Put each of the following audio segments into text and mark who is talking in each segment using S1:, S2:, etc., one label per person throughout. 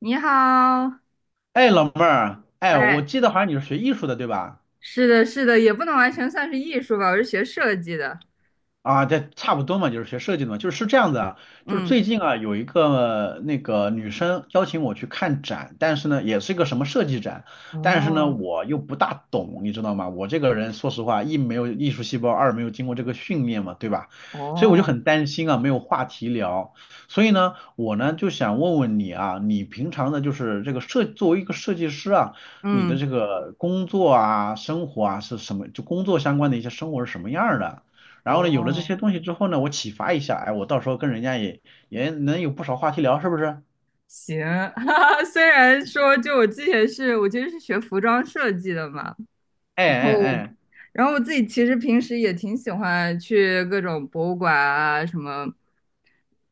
S1: 你好。
S2: 哎，老妹儿，哎，我
S1: 哎，
S2: 记得好像你是学艺术的，对吧？
S1: 是的，是的，也不能完全算是艺术吧，我是学设计的。
S2: 啊，这差不多嘛，就是学设计的嘛，就是这样子啊，就是
S1: 嗯。
S2: 最近啊有一个那个女生邀请我去看展，但是呢也是一个什么设计展，但是呢
S1: 哦
S2: 我又不大懂，你知道吗？我这个人说实话，一没有艺术细胞，二没有经过这个训练嘛，对吧？所以我就
S1: 哦
S2: 很担心啊，没有话题聊，所以呢我呢就想问问你啊，你平常的就是这个设作为一个设计师啊，你的
S1: 嗯
S2: 这个工作啊、生活啊是什么？就工作相关的一些生活是什么样儿的？然后呢，有了这
S1: 哦。
S2: 些东西之后呢，我启发一下，哎，我到时候跟人家也也能有不少话题聊，是不是？
S1: 行，哈哈，虽然说就我其实是学服装设计的嘛，
S2: 哎
S1: 然
S2: 哎哎，
S1: 后我自己其实平时也挺喜欢去各种博物馆啊，什么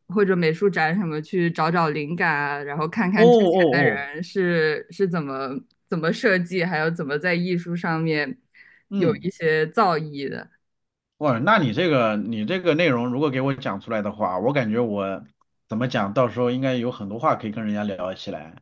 S1: 或者美术展什么去找找灵感啊，然后看
S2: 哦
S1: 看之前的
S2: 哦哦，
S1: 人是怎么设计，还有怎么在艺术上面有一
S2: 嗯，
S1: 些造诣的。
S2: 哇，那你这个内容如果给我讲出来的话，我感觉我怎么讲，到时候应该有很多话可以跟人家聊起来。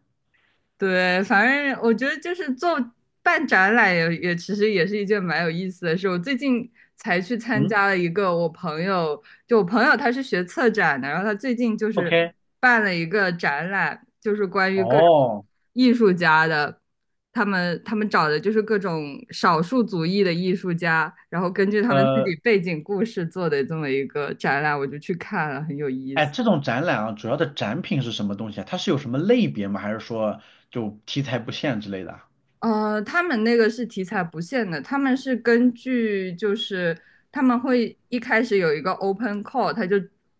S1: 对，反正我觉得就是做办展览也其实也是一件蛮有意思的事。我最近才去参
S2: 嗯
S1: 加了一个我朋友，就我朋友他是学策展的，然后他最近就是
S2: ，OK，
S1: 办了一个展览，就是关于各种
S2: 哦，
S1: 艺术家的，他们找的就是各种少数族裔的艺术家，然后根据他们自己
S2: 呃，
S1: 背景故事做的这么一个展览，我就去看了，很有意
S2: 哎，
S1: 思。
S2: 这种展览啊，主要的展品是什么东西啊？它是有什么类别吗？还是说就题材不限之类的啊
S1: 他们那个是题材不限的，他们是根据就是他们会一开始有一个 open call,他就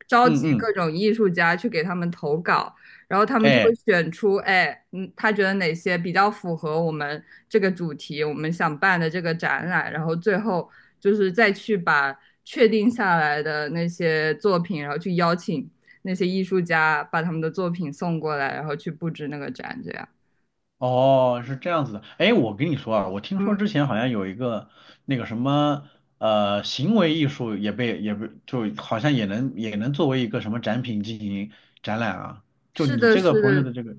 S1: 召
S2: 嗯
S1: 集
S2: 嗯，
S1: 各种艺术家去给他们投稿，然后他们就会
S2: 哎。
S1: 选出，哎，嗯，他觉得哪些比较符合我们这个主题，我们想办的这个展览，然后最后就是再去把确定下来的那些作品，然后去邀请那些艺术家把他们的作品送过来，然后去布置那个展，这样。
S2: 哦，是这样子的。哎，我跟你说啊，我听
S1: 嗯，
S2: 说之前好像有一个那个什么行为艺术也被就好像也能作为一个什么展品进行展览啊。就
S1: 是
S2: 你
S1: 的，
S2: 这个
S1: 是
S2: 朋友的
S1: 的，
S2: 这个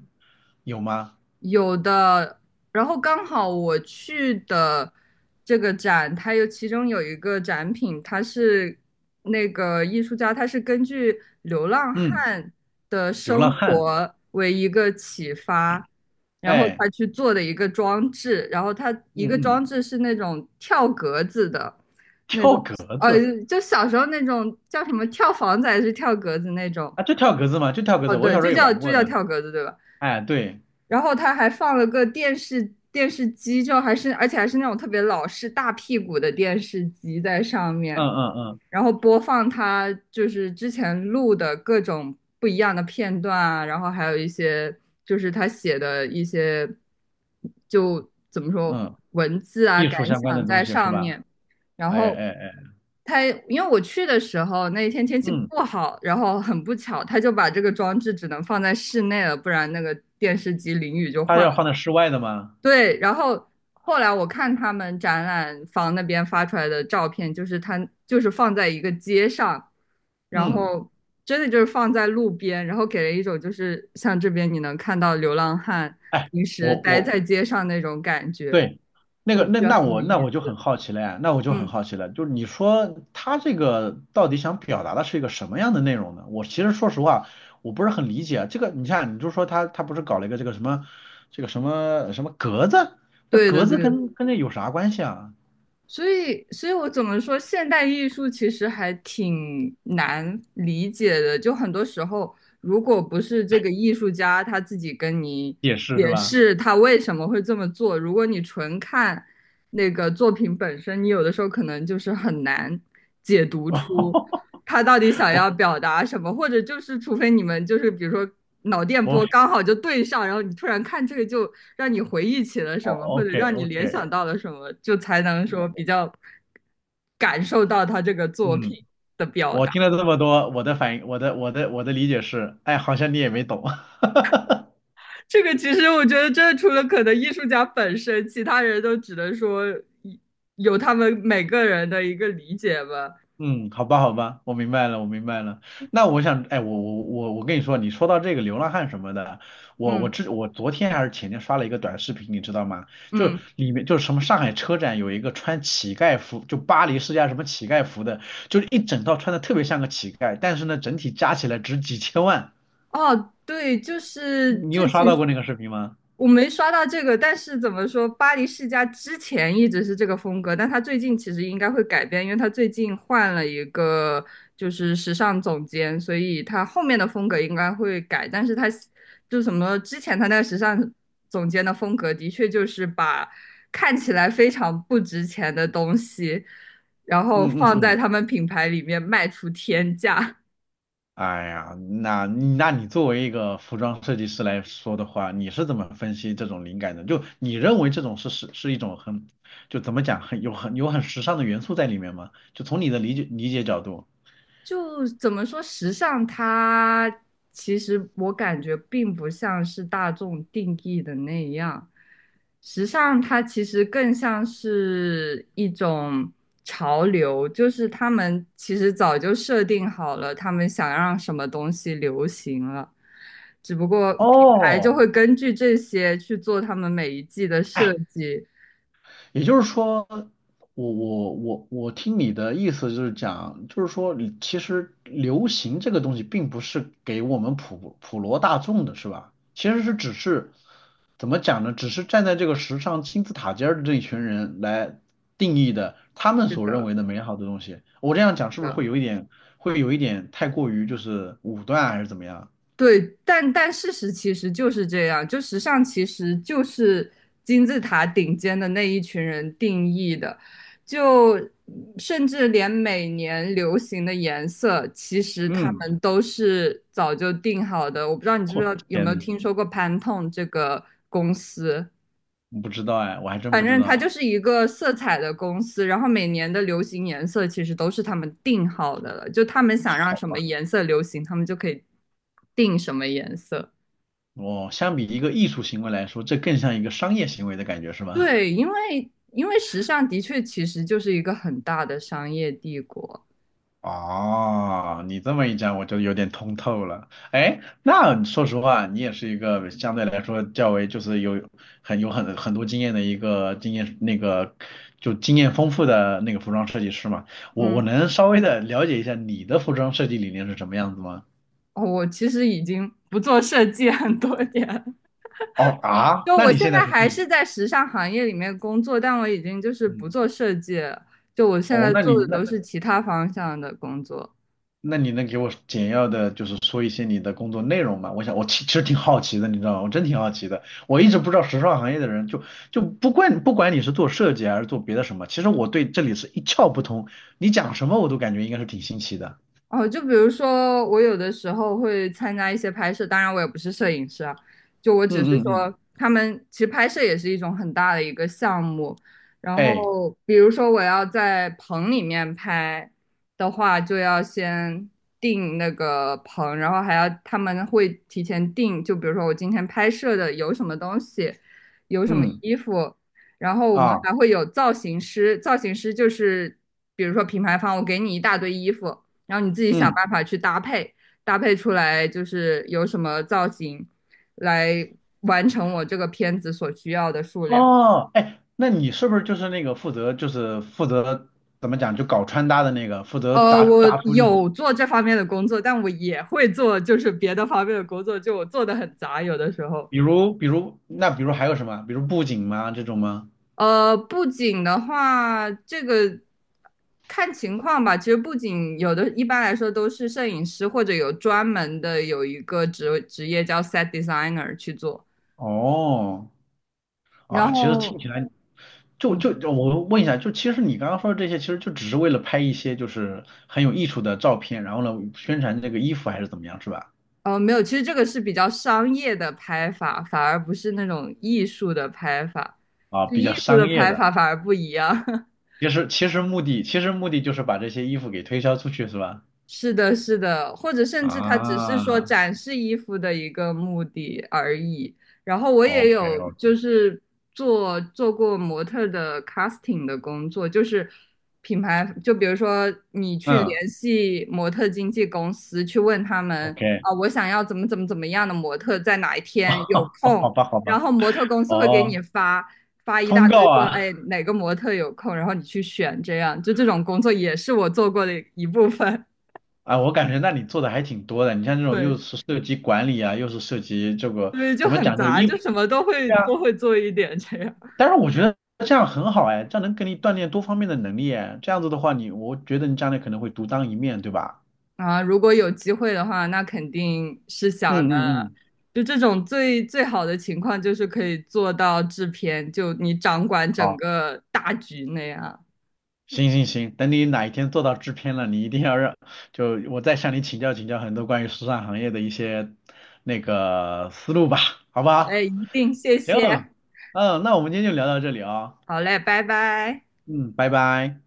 S2: 有吗？
S1: 有的，然后刚好我去的这个展，它有其中有一个展品，它是那个艺术家，他是根据流浪
S2: 嗯，
S1: 汉的
S2: 流浪
S1: 生
S2: 汉。
S1: 活为一个启发，然后
S2: 哎，
S1: 他去做的一个装置，然后他
S2: 嗯
S1: 一个装
S2: 嗯，
S1: 置是那种跳格子的那种。
S2: 跳格
S1: 呃，
S2: 子
S1: 就小时候那种叫什么跳房子还是跳格子那种。
S2: 啊，就跳格子嘛，就跳格
S1: 哦，
S2: 子。我
S1: 对，
S2: 小时候也玩
S1: 就
S2: 过
S1: 叫
S2: 的。
S1: 跳格子，对吧？
S2: 哎，对，
S1: 然后他还放了个电视机，就还是而且还是那种特别老式大屁股的电视机在上
S2: 嗯
S1: 面，
S2: 嗯嗯
S1: 然后播放他就是之前录的各种不一样的片段啊，然后还有一些就是他写的一些就怎么说
S2: 嗯，
S1: 文字啊
S2: 艺
S1: 感
S2: 术相关的
S1: 想
S2: 东
S1: 在
S2: 西是
S1: 上
S2: 吧？
S1: 面，然
S2: 哎
S1: 后
S2: 哎哎，
S1: 他因为我去的时候那一天天气
S2: 嗯，
S1: 不好，然后很不巧，他就把这个装置只能放在室内了，不然那个电视机淋雨就
S2: 它
S1: 坏
S2: 要放
S1: 了。
S2: 在室外的吗？
S1: 对，然后后来我看他们展览房那边发出来的照片，就是他就是放在一个街上，然
S2: 嗯。
S1: 后真的就是放在路边，然后给人一种就是像这边你能看到流浪汉
S2: 哎。
S1: 平时
S2: 我
S1: 待
S2: 我
S1: 在街上那种感觉，
S2: 对，那
S1: 我
S2: 个
S1: 就
S2: 那
S1: 觉得
S2: 那
S1: 很有
S2: 我那
S1: 意
S2: 我就很
S1: 思。
S2: 好奇了呀，那我就很
S1: 嗯，
S2: 好奇了，就是你说他这个到底想表达的是一个什么样的内容呢？我其实说实话，我不是很理解这个。你看，你就说他不是搞了一个这个什么这个什么什么格子，这
S1: 对的
S2: 格
S1: 对
S2: 子
S1: 的。
S2: 跟这有啥关系啊？
S1: 所以我怎么说，现代艺术其实还挺难理解的。就很多时候，如果不是这个艺术家他自己跟你
S2: 也是
S1: 解
S2: 是吧？
S1: 释他为什么会这么做，如果你纯看那个作品本身，你有的时候可能就是很难解读出。他到底 想
S2: 我
S1: 要表达什么，或者就是除非你们就是比如说脑电
S2: 我
S1: 波刚好就对上，然后你突然看这个就让你回忆起了什
S2: 哦
S1: 么，或者
S2: ，OK
S1: 让你联
S2: OK，
S1: 想到了什么，就才能说比较感受到他这个作品
S2: 嗯，
S1: 的表
S2: 我
S1: 达。
S2: 听了这么多，我的反应，我的我的理解是，哎，好像你也没懂。
S1: 这个其实我觉得，这除了可能艺术家本身，其他人都只能说有他们每个人的一个理解吧。
S2: 嗯，好吧，好吧，我明白了，我明白了。那我想，哎，我跟你说，你说到这个流浪汉什么的，我我
S1: 嗯
S2: 之我昨天还是前天刷了一个短视频，你知道吗？就
S1: 嗯
S2: 里面就是什么上海车展有一个穿乞丐服，就巴黎世家什么乞丐服的，就是一整套穿的特别像个乞丐，但是呢，整体加起来值几千万。
S1: 哦，对，就是
S2: 你
S1: 这
S2: 有刷
S1: 其
S2: 到
S1: 实。
S2: 过那个视频吗？
S1: 我没刷到这个，但是怎么说，巴黎世家之前一直是这个风格，但他最近其实应该会改变，因为他最近换了一个就是时尚总监，所以他后面的风格应该会改。但是他就什么之前他那个时尚总监的风格，的确就是把看起来非常不值钱的东西，然后
S2: 嗯嗯
S1: 放在
S2: 嗯。
S1: 他们品牌里面卖出天价。
S2: 哎呀，那那你作为一个服装设计师来说的话，你是怎么分析这种灵感的？就你认为这种是一种很，就怎么讲，很有很时尚的元素在里面吗？就从你的理解角度。
S1: 就怎么说，时尚它其实我感觉并不像是大众定义的那样，时尚它其实更像是一种潮流，就是他们其实早就设定好了，他们想让什么东西流行了，只不过品牌就会
S2: 哦，
S1: 根据这些去做他们每一季的设计。
S2: 也就是说，我听你的意思就是讲，就是说你，其实流行这个东西并不是给我们普罗大众的，是吧？其实只是怎么讲呢？只是站在这个时尚金字塔尖儿的这一群人来定义的，他们
S1: 是
S2: 所认
S1: 的，
S2: 为的美好的东西。我这样讲
S1: 是
S2: 是不是
S1: 的。
S2: 会有一点，会有一点太过于就是武断还是怎么样？
S1: 对，但事实其实就是这样，就时尚其实就是金字塔顶尖的那一群人定义的，就甚至连每年流行的颜色，其实他
S2: 嗯，
S1: 们都是早就定好的。我不知道你知不知
S2: 我
S1: 道有没
S2: 天
S1: 有
S2: 呐，
S1: 听说过 Pantone 这个公司，
S2: 不知道哎，我还真
S1: 反
S2: 不知
S1: 正它
S2: 道。
S1: 就是一个色彩的公司，然后每年的流行颜色其实都是他们定好的了，就他们想让
S2: 好。
S1: 什么颜色流行，他们就可以定什么颜色。
S2: 哦，相比一个艺术行为来说，这更像一个商业行为的感觉是吗？
S1: 对，因为时尚的确其实就是一个很大的商业帝国。
S2: 哦，你这么一讲，我就有点通透了。哎，那说实话，你也是一个相对来说较为就是有很有很很多经验的一个经验那个就经验丰富的那个服装设计师嘛。我我
S1: 嗯，
S2: 能稍微的了解一下你的服装设计理念是什么样子吗？
S1: 哦，我其实已经不做设计很多年了，
S2: 哦啊，
S1: 就
S2: 那
S1: 我
S2: 你
S1: 现
S2: 现在
S1: 在
S2: 是
S1: 还
S2: 做
S1: 是在时尚行业里面工作，但我已经就是不
S2: 嗯，
S1: 做设计了，就我现
S2: 哦，
S1: 在做的都是其他方向的工作。
S2: 那你能给我简要的，就是说一些你的工作内容吗？我想，我其实挺好奇的，你知道吗？我真挺好奇的。我一直不知道时尚行业的人就，就不管你是做设计还是做别的什么，其实我对这里是一窍不通。你讲什么我都感觉应该是挺新奇的。
S1: 哦，就比如说，我有的时候会参加一些拍摄，当然我也不是摄影师啊，就我
S2: 嗯
S1: 只是
S2: 嗯嗯，
S1: 说，他们其实拍摄也是一种很大的一个项目。然
S2: 哎，
S1: 后，比如说我要在棚里面拍的话，就要先定那个棚，然后还要他们会提前定，就比如说我今天拍摄的有什么东西，有什么
S2: 嗯
S1: 衣服，然后我们
S2: 啊，
S1: 还会有造型师，造型师就是比如说品牌方，我给你一大堆衣服。然后你自己想
S2: 嗯
S1: 办法去搭配，搭配出来就是有什么造型，来完成我这个片子所需要的数量。
S2: 哦，哎，那你是不是就是那个负责怎么讲就搞穿搭的那个，负责搭
S1: 我
S2: 搭出那种，
S1: 有做这方面的工作，但我也会做就是别的方面的工作，就我做的很杂，有的时候。
S2: 比如还有什么，比如布景吗这种吗？
S1: 布景的话，这个看情况吧。其实布景有的，一般来说都是摄影师或者有专门的有一个职业叫 set designer 去做。
S2: 哦。
S1: 然
S2: 啊，其实听
S1: 后，
S2: 起来就就
S1: 嗯，
S2: 就我问一下，就其实你刚刚说的这些，其实就只是为了拍一些就是很有艺术的照片，然后呢宣传这个衣服还是怎么样，是吧？
S1: 哦，没有，其实这个是比较商业的拍法，反而不是那种艺术的拍法，
S2: 啊，
S1: 就
S2: 比
S1: 艺
S2: 较
S1: 术
S2: 商
S1: 的
S2: 业
S1: 拍
S2: 的。
S1: 法反而不一样。
S2: 其实目的就是把这些衣服给推销出去，是吧？
S1: 是的，是的，或者甚至它只是说
S2: 啊
S1: 展示衣服的一个目的而已。然后我也
S2: ，OK
S1: 有就
S2: OK，
S1: 是做过模特儿的 casting 的工作，就是品牌，就比如说你去
S2: 嗯
S1: 联系模特经纪公司，去问他们
S2: ，OK，
S1: 啊，我想要怎么样的模特，在哪一天有
S2: 哦，好
S1: 空，
S2: 吧好
S1: 然
S2: 吧，
S1: 后模特公司会给
S2: 哦，
S1: 你发一
S2: 通
S1: 大堆
S2: 告
S1: 说，
S2: 啊。
S1: 哎，哪个模特有空，然后你去选，这样，就这种工作也是我做过的一部分。
S2: 啊，我感觉那你做的还挺多的，你像这种又
S1: 对
S2: 是涉及管理啊，又是涉及这个
S1: 对，就
S2: 怎么
S1: 很
S2: 讲，就是
S1: 杂，
S2: 衣
S1: 就
S2: 服。
S1: 什么都会做一点这样
S2: 但是我觉得这样很好哎，这样能给你锻炼多方面的能力哎。这样子的话你，我觉得你将来可能会独当一面，对吧？
S1: 啊。如果有机会的话，那肯定是
S2: 嗯
S1: 想的。
S2: 嗯嗯，
S1: 就这种最最好的情况，就是可以做到制片，就你掌管整
S2: 好，
S1: 个大局那样。
S2: 行行行，等你哪一天做到制片了，你一定要让，就我再向你请教请教很多关于时尚行业的一些那个思路吧，好不
S1: 好
S2: 好？
S1: 嘞，一定，谢
S2: 行，
S1: 谢。
S2: 嗯，那我们今天就聊到这里啊、
S1: 好嘞，拜拜。
S2: 嗯，拜拜。